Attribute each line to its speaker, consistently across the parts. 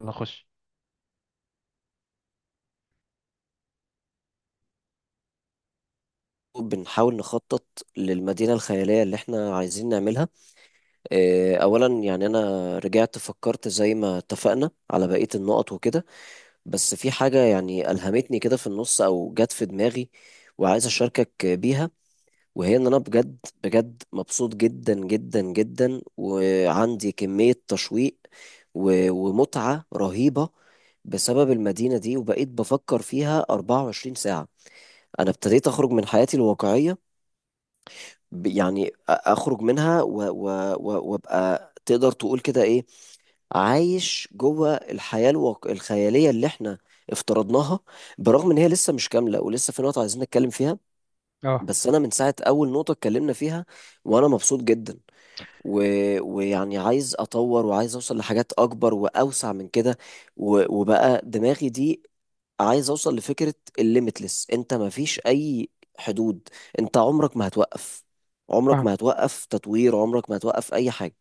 Speaker 1: نخش.
Speaker 2: بنحاول نخطط للمدينة الخيالية اللي احنا عايزين نعملها. أولا يعني أنا رجعت فكرت زي ما اتفقنا على بقية النقط وكده، بس في حاجة يعني ألهمتني كده في النص أو جت في دماغي وعايز أشاركك بيها. وهي إن أنا بجد مبسوط جدا جدا جدا وعندي كمية تشويق و- ومتعة رهيبة بسبب المدينة دي وبقيت بفكر فيها 24 ساعة. أنا ابتديت أخرج من حياتي الواقعية، اخرج منها و- و- و- وابقى تقدر تقول كده ايه، عايش جوه الحياة الواقع الخيالية اللي احنا افترضناها، برغم ان هي لسه مش كاملة ولسه في نقطة عايزين نتكلم فيها.
Speaker 1: اه.
Speaker 2: بس انا من ساعة اول نقطة اتكلمنا فيها وانا مبسوط جدا و... ويعني عايز اطور وعايز اوصل لحاجات اكبر واوسع من كده و... وبقى دماغي دي عايز اوصل لفكرة الليميتلس، انت مفيش اي حدود، انت عمرك ما هتوقف، عمرك
Speaker 1: فاهم
Speaker 2: ما هتوقف تطوير، عمرك ما هتوقف اي حاجة.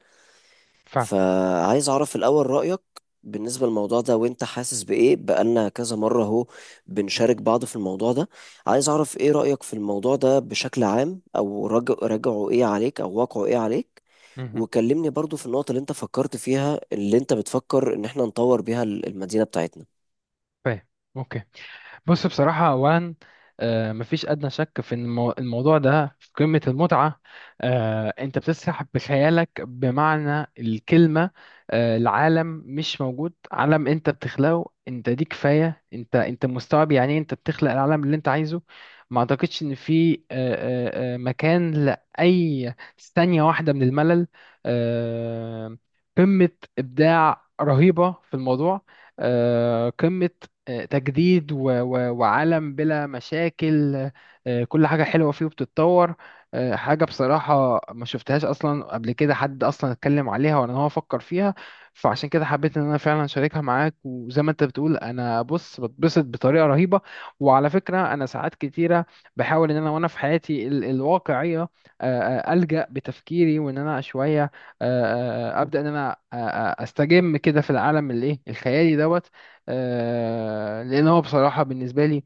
Speaker 1: فاهم.
Speaker 2: فعايز اعرف الاول رأيك بالنسبة للموضوع ده، وانت حاسس بايه بقالنا كذا مرة اهو بنشارك بعض في الموضوع ده. عايز اعرف ايه رأيك في الموضوع ده بشكل عام، او رجعه ايه عليك، او واقعه ايه عليك.
Speaker 1: مهم.
Speaker 2: وكلمني برضو في النقطة اللي انت فكرت فيها اللي انت بتفكر ان احنا نطور بيها المدينة بتاعتنا.
Speaker 1: فاهم. اوكي. بص بصراحة أولا، مفيش أدنى شك في إن الموضوع ده في قمة المتعة. أنت بتسرح بخيالك بمعنى الكلمة. العالم مش موجود، عالم أنت بتخلقه أنت، دي كفاية. أنت مستوعب يعني إيه، أنت بتخلق العالم اللي أنت عايزه. ما أعتقدش إن في مكان لأي ثانية واحدة من الملل. آه، قمة إبداع رهيبة في الموضوع. قمة تجديد وعالم بلا مشاكل. كل حاجة حلوة فيه وبتتطور. حاجة بصراحة ما شفتهاش أصلا قبل كده، حد أصلا اتكلم عليها ولا إن هو فكر فيها. فعشان كده حبيت إن أنا فعلا أشاركها معاك. وزي ما أنت بتقول، أنا بص بتبسط بطريقة رهيبة. وعلى فكرة، أنا ساعات كتيرة بحاول إن أنا وأنا في حياتي الواقعية، ألجأ بتفكيري وإن أنا شوية، أبدأ إن أنا أستجم كده في العالم الإيه الخيالي دوت. لان هو بصراحة بالنسبة لي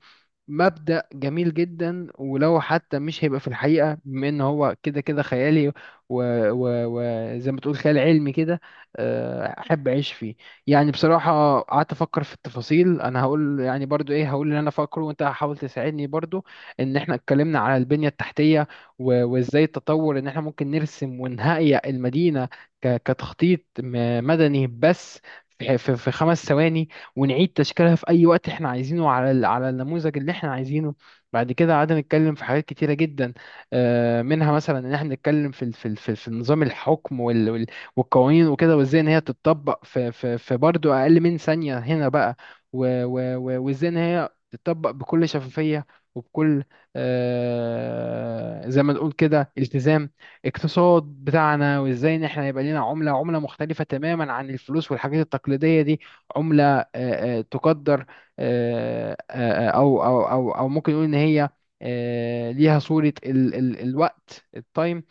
Speaker 1: مبدأ جميل جدا، ولو حتى مش هيبقى في الحقيقة بما ان هو كده كده خيالي. وزي و... وزي ما تقول خيال علمي كده، احب اعيش فيه. يعني بصراحة قعدت افكر في التفاصيل، انا هقول يعني برضو ايه، هقول اللي انا فاكره وانت هحاول تساعدني برضو. ان احنا اتكلمنا على البنية التحتية وازاي التطور، ان احنا ممكن نرسم ونهيئ المدينة كتخطيط مدني بس في 5 ثواني، ونعيد تشكيلها في أي وقت إحنا عايزينه على على النموذج اللي إحنا عايزينه. بعد كده قعدنا نتكلم في حاجات كتيرة جدا، منها مثلا إن إحنا نتكلم في في نظام الحكم والقوانين وكده، وإزاي إن هي تتطبق في برضه أقل من ثانية هنا بقى. وإزاي إن هي تتطبق بكل شفافية وبكل، زي ما نقول كده، التزام. اقتصاد بتاعنا وازاي ان احنا يبقى لنا عملة مختلفة تماما عن الفلوس والحاجات التقليدية دي. عملة تقدر او او او او ممكن نقول ان هي ليها صورة ال ال الوقت التايم.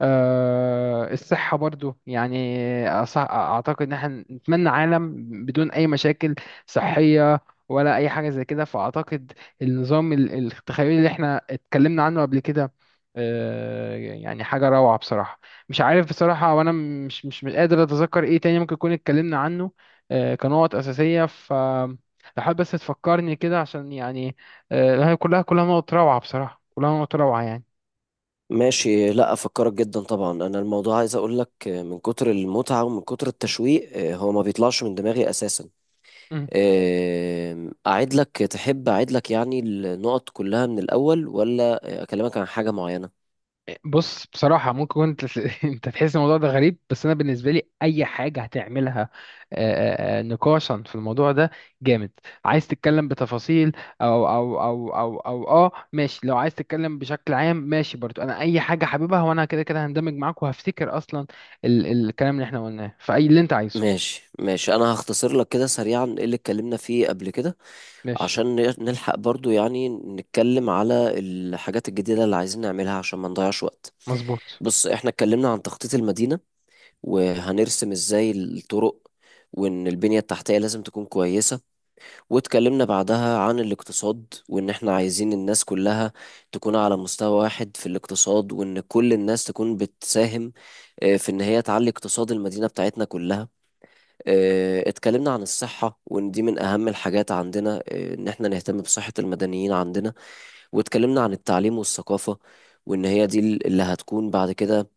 Speaker 1: الصحة برضو يعني، أعتقد إن احنا نتمنى عالم بدون أي مشاكل صحية ولا أي حاجة زي كده. فأعتقد النظام التخيلي اللي احنا اتكلمنا عنه قبل كده، يعني حاجة روعة بصراحة. مش عارف بصراحة، وأنا مش قادر أتذكر إيه تاني ممكن يكون اتكلمنا عنه كنقط أساسية. ف لو حابب بس تفكرني كده عشان يعني، هي كلها، كلها نقط روعة بصراحة، كلها نقط روعة يعني.
Speaker 2: ماشي، لا افكرك جدا طبعا. انا الموضوع عايز اقول لك، من كتر المتعه ومن كتر التشويق، هو ما بيطلعش من دماغي اساسا. اعيد لك، تحب اعيد لك يعني النقط كلها من الاول، ولا اكلمك عن حاجه معينه؟
Speaker 1: بص بصراحة ممكن انت انت تحس الموضوع ده غريب، بس انا بالنسبة لي اي حاجة هتعملها نقاشا في الموضوع ده جامد. عايز تتكلم بتفاصيل او او او او او اه، ماشي. لو عايز تتكلم بشكل عام، ماشي برضو. انا اي حاجة حاببها، وانا كده كده هندمج معاك وهفتكر اصلا الكلام اللي احنا قلناه، فاي اللي انت عايزه.
Speaker 2: ماشي ماشي، انا هختصر لك كده سريعا ايه اللي اتكلمنا فيه قبل كده
Speaker 1: ماشي.
Speaker 2: عشان نلحق برضو يعني نتكلم على الحاجات الجديده اللي عايزين نعملها عشان ما نضيعش وقت.
Speaker 1: مظبوط.
Speaker 2: بص، احنا اتكلمنا عن تخطيط المدينه، وهنرسم ازاي الطرق، وان البنية التحتية لازم تكون كويسة. واتكلمنا بعدها عن الاقتصاد، وان احنا عايزين الناس كلها تكون على مستوى واحد في الاقتصاد، وان كل الناس تكون بتساهم في ان هي تعلي اقتصاد المدينة بتاعتنا كلها. اتكلمنا عن الصحة وان دي من اهم الحاجات عندنا، ان احنا نهتم بصحة المدنيين عندنا. واتكلمنا عن التعليم والثقافة، وإن هي دي اللي هتكون بعد كده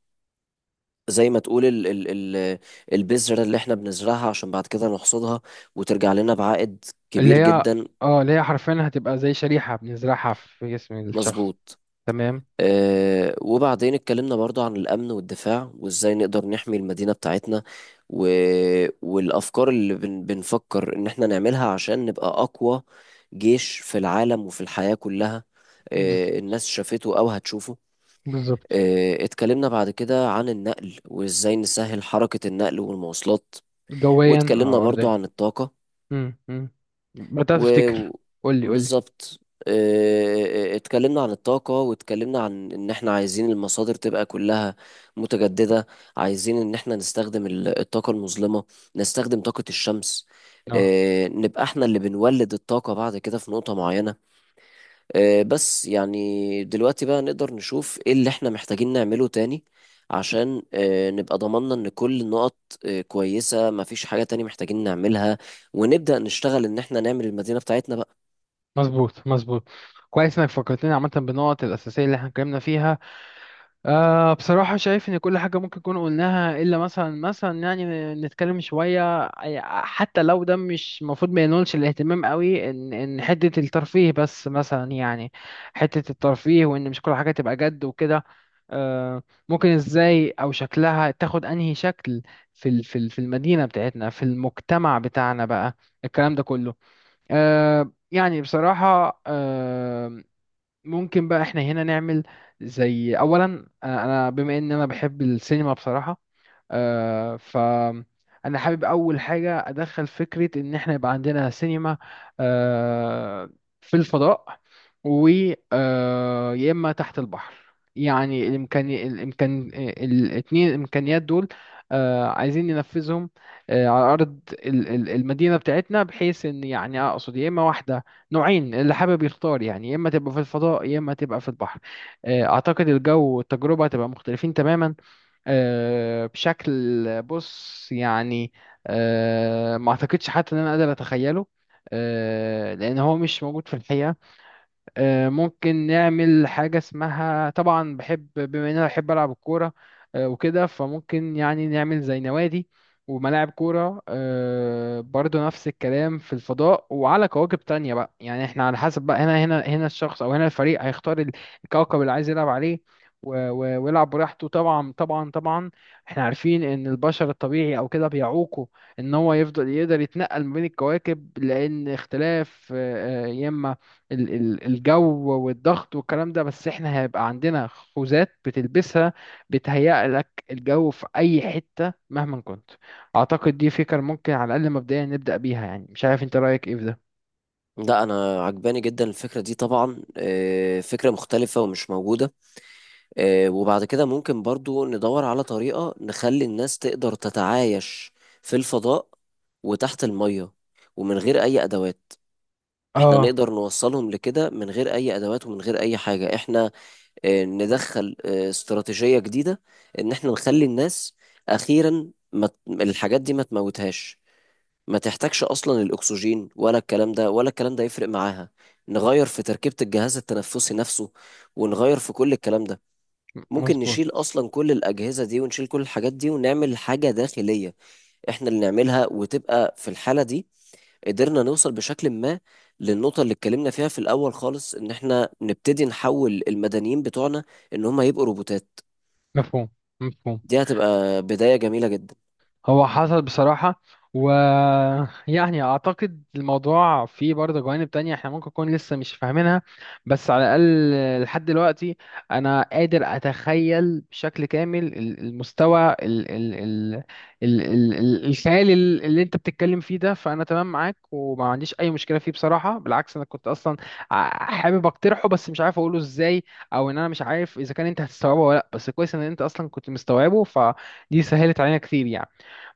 Speaker 2: زي ما تقول ال ال ال البذرة اللي احنا بنزرعها عشان بعد كده نحصدها، وترجع لنا بعائد
Speaker 1: اللي
Speaker 2: كبير
Speaker 1: هي،
Speaker 2: جدا.
Speaker 1: اه اللي هي حرفيا هتبقى زي شريحة بنزرعها في جسم الشخص.
Speaker 2: مظبوط.
Speaker 1: تمام.
Speaker 2: اه، وبعدين اتكلمنا برضو عن الأمن والدفاع، وازاي نقدر نحمي المدينة بتاعتنا، و والأفكار اللي بنفكر إن احنا نعملها عشان نبقى أقوى جيش في العالم وفي الحياة كلها.
Speaker 1: بز-
Speaker 2: اه، الناس شافته أو هتشوفه.
Speaker 1: بالظبط.
Speaker 2: اه، اتكلمنا بعد كده عن النقل وازاي نسهل حركة النقل والمواصلات.
Speaker 1: جويا
Speaker 2: واتكلمنا
Speaker 1: او
Speaker 2: برضو
Speaker 1: ارضيا.
Speaker 2: عن الطاقة
Speaker 1: امم امم بدأت
Speaker 2: و...
Speaker 1: افتكر.
Speaker 2: و-
Speaker 1: قول لي قول لي.
Speaker 2: بالظبط. اتكلمنا عن الطاقة، واتكلمنا عن ان احنا عايزين المصادر تبقى كلها متجددة. عايزين ان احنا نستخدم الطاقة المظلمة، نستخدم طاقة الشمس،
Speaker 1: اه.
Speaker 2: نبقى احنا اللي بنولد الطاقة بعد كده في نقطة معينة. بس يعني دلوقتي بقى نقدر نشوف ايه اللي احنا محتاجين نعمله تاني، عشان نبقى ضمننا ان كل النقط كويسة، مفيش حاجة تاني محتاجين نعملها، ونبدأ نشتغل ان احنا نعمل المدينة بتاعتنا بقى.
Speaker 1: مظبوط مظبوط. كويس انك فكرتني عامة بالنقط الأساسية اللي احنا اتكلمنا فيها. أه بصراحة شايف إن كل حاجة ممكن نكون قلناها، إلا مثلا يعني نتكلم شوية. حتى لو ده مش المفروض ما ينولش الاهتمام قوي، إن حتة الترفيه بس مثلا يعني. حتة الترفيه وإن مش كل حاجة تبقى جد وكده. أه، ممكن إزاي، أو شكلها تاخد أنهي شكل في في المدينة بتاعتنا، في المجتمع بتاعنا بقى، الكلام ده كله. أه يعني بصراحة، ممكن بقى احنا هنا نعمل زي اولا، أنا بما ان انا بحب السينما بصراحة، فأنا حابب أول حاجة أدخل فكرة إن إحنا يبقى عندنا سينما آه، في الفضاء، و يا إما تحت البحر. يعني الإمكانيات دول عايزين ننفذهم على أرض المدينة بتاعتنا، بحيث إن يعني أقصد يا إما واحدة، نوعين اللي حابب يختار يعني، يا إما تبقى في الفضاء يا إما تبقى في البحر. أعتقد الجو والتجربة هتبقى مختلفين تماما بشكل، بص يعني، ما اعتقدش حتى ان انا قادر اتخيله لان هو مش موجود في الحقيقة. ممكن نعمل حاجة اسمها، طبعا بحب بما ان انا بحب العب الكورة، وكده فممكن يعني نعمل زي نوادي وملاعب كورة. برضو نفس الكلام في الفضاء وعلى كواكب تانية بقى. يعني احنا على حسب بقى، هنا الشخص او هنا الفريق هيختار الكوكب اللي عايز يلعب عليه ويلعب براحته. طبعا طبعا طبعا احنا عارفين ان البشر الطبيعي او كده بيعوقه ان هو يفضل يقدر يتنقل ما بين الكواكب، لان اختلاف يا اما الجو والضغط والكلام ده. بس احنا هيبقى عندنا خوذات بتلبسها، بتهيأ لك الجو في اي حتة مهما كنت. اعتقد دي فكرة ممكن على الاقل مبدئيا نبدأ بيها. يعني مش عارف انت رأيك ايه في ده.
Speaker 2: لا، انا عجباني جدا الفكرة دي طبعا، فكرة مختلفة ومش موجودة. وبعد كده ممكن برضو ندور على طريقة نخلي الناس تقدر تتعايش في الفضاء وتحت المية ومن غير اي ادوات. احنا
Speaker 1: اه،
Speaker 2: نقدر نوصلهم لكده من غير اي ادوات ومن غير اي حاجة. احنا ندخل استراتيجية جديدة، ان احنا نخلي الناس اخيرا ما ت- الحاجات دي ما تموتهاش، ما تحتاجش اصلا الاكسجين ولا الكلام ده ولا الكلام ده يفرق معاها. نغير في تركيبة الجهاز التنفسي نفسه، ونغير في كل الكلام ده. ممكن نشيل
Speaker 1: مظبوط.
Speaker 2: اصلا كل الاجهزة دي ونشيل كل الحاجات دي، ونعمل حاجة داخلية احنا اللي نعملها، وتبقى في الحالة دي قدرنا نوصل بشكل ما للنقطة اللي اتكلمنا فيها في الأول خالص، إن إحنا نبتدي نحول المدنيين بتوعنا إن هم يبقوا روبوتات.
Speaker 1: مفهوم مفهوم.
Speaker 2: دي هتبقى بداية جميلة جدا.
Speaker 1: هو حصل بصراحة، ويعني أعتقد الموضوع فيه برضه جوانب تانية احنا ممكن نكون لسه مش فاهمينها، بس على الأقل لحد دلوقتي أنا قادر أتخيل بشكل كامل المستوى ال ال ال ال ال ال الخيال اللي أنت بتتكلم فيه ده. فأنا تمام معاك وما عنديش أي مشكلة فيه بصراحة. بالعكس أنا كنت أصلا حابب أقترحه، بس مش عارف أقوله إزاي، أو إن أنا مش عارف إذا كان أنت هتستوعبه ولا لأ. بس كويس إن أنت أصلا كنت مستوعبه، فدي سهلت علينا كتير يعني.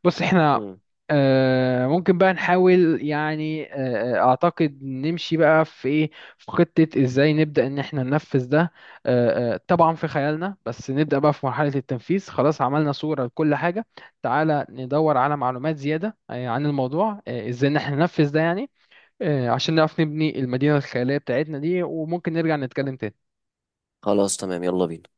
Speaker 1: بص احنا
Speaker 2: مم.
Speaker 1: ممكن بقى نحاول يعني، اعتقد نمشي بقى في ايه، في خطة ازاي نبدأ ان احنا ننفذ ده طبعا في خيالنا. بس نبدأ بقى في مرحلة التنفيذ، خلاص عملنا صورة لكل حاجة. تعالى ندور على معلومات زيادة عن الموضوع، ازاي ان احنا ننفذ ده يعني، عشان نعرف نبني المدينة الخيالية بتاعتنا دي. وممكن نرجع نتكلم تاني.
Speaker 2: خلاص تمام، يلا بينا.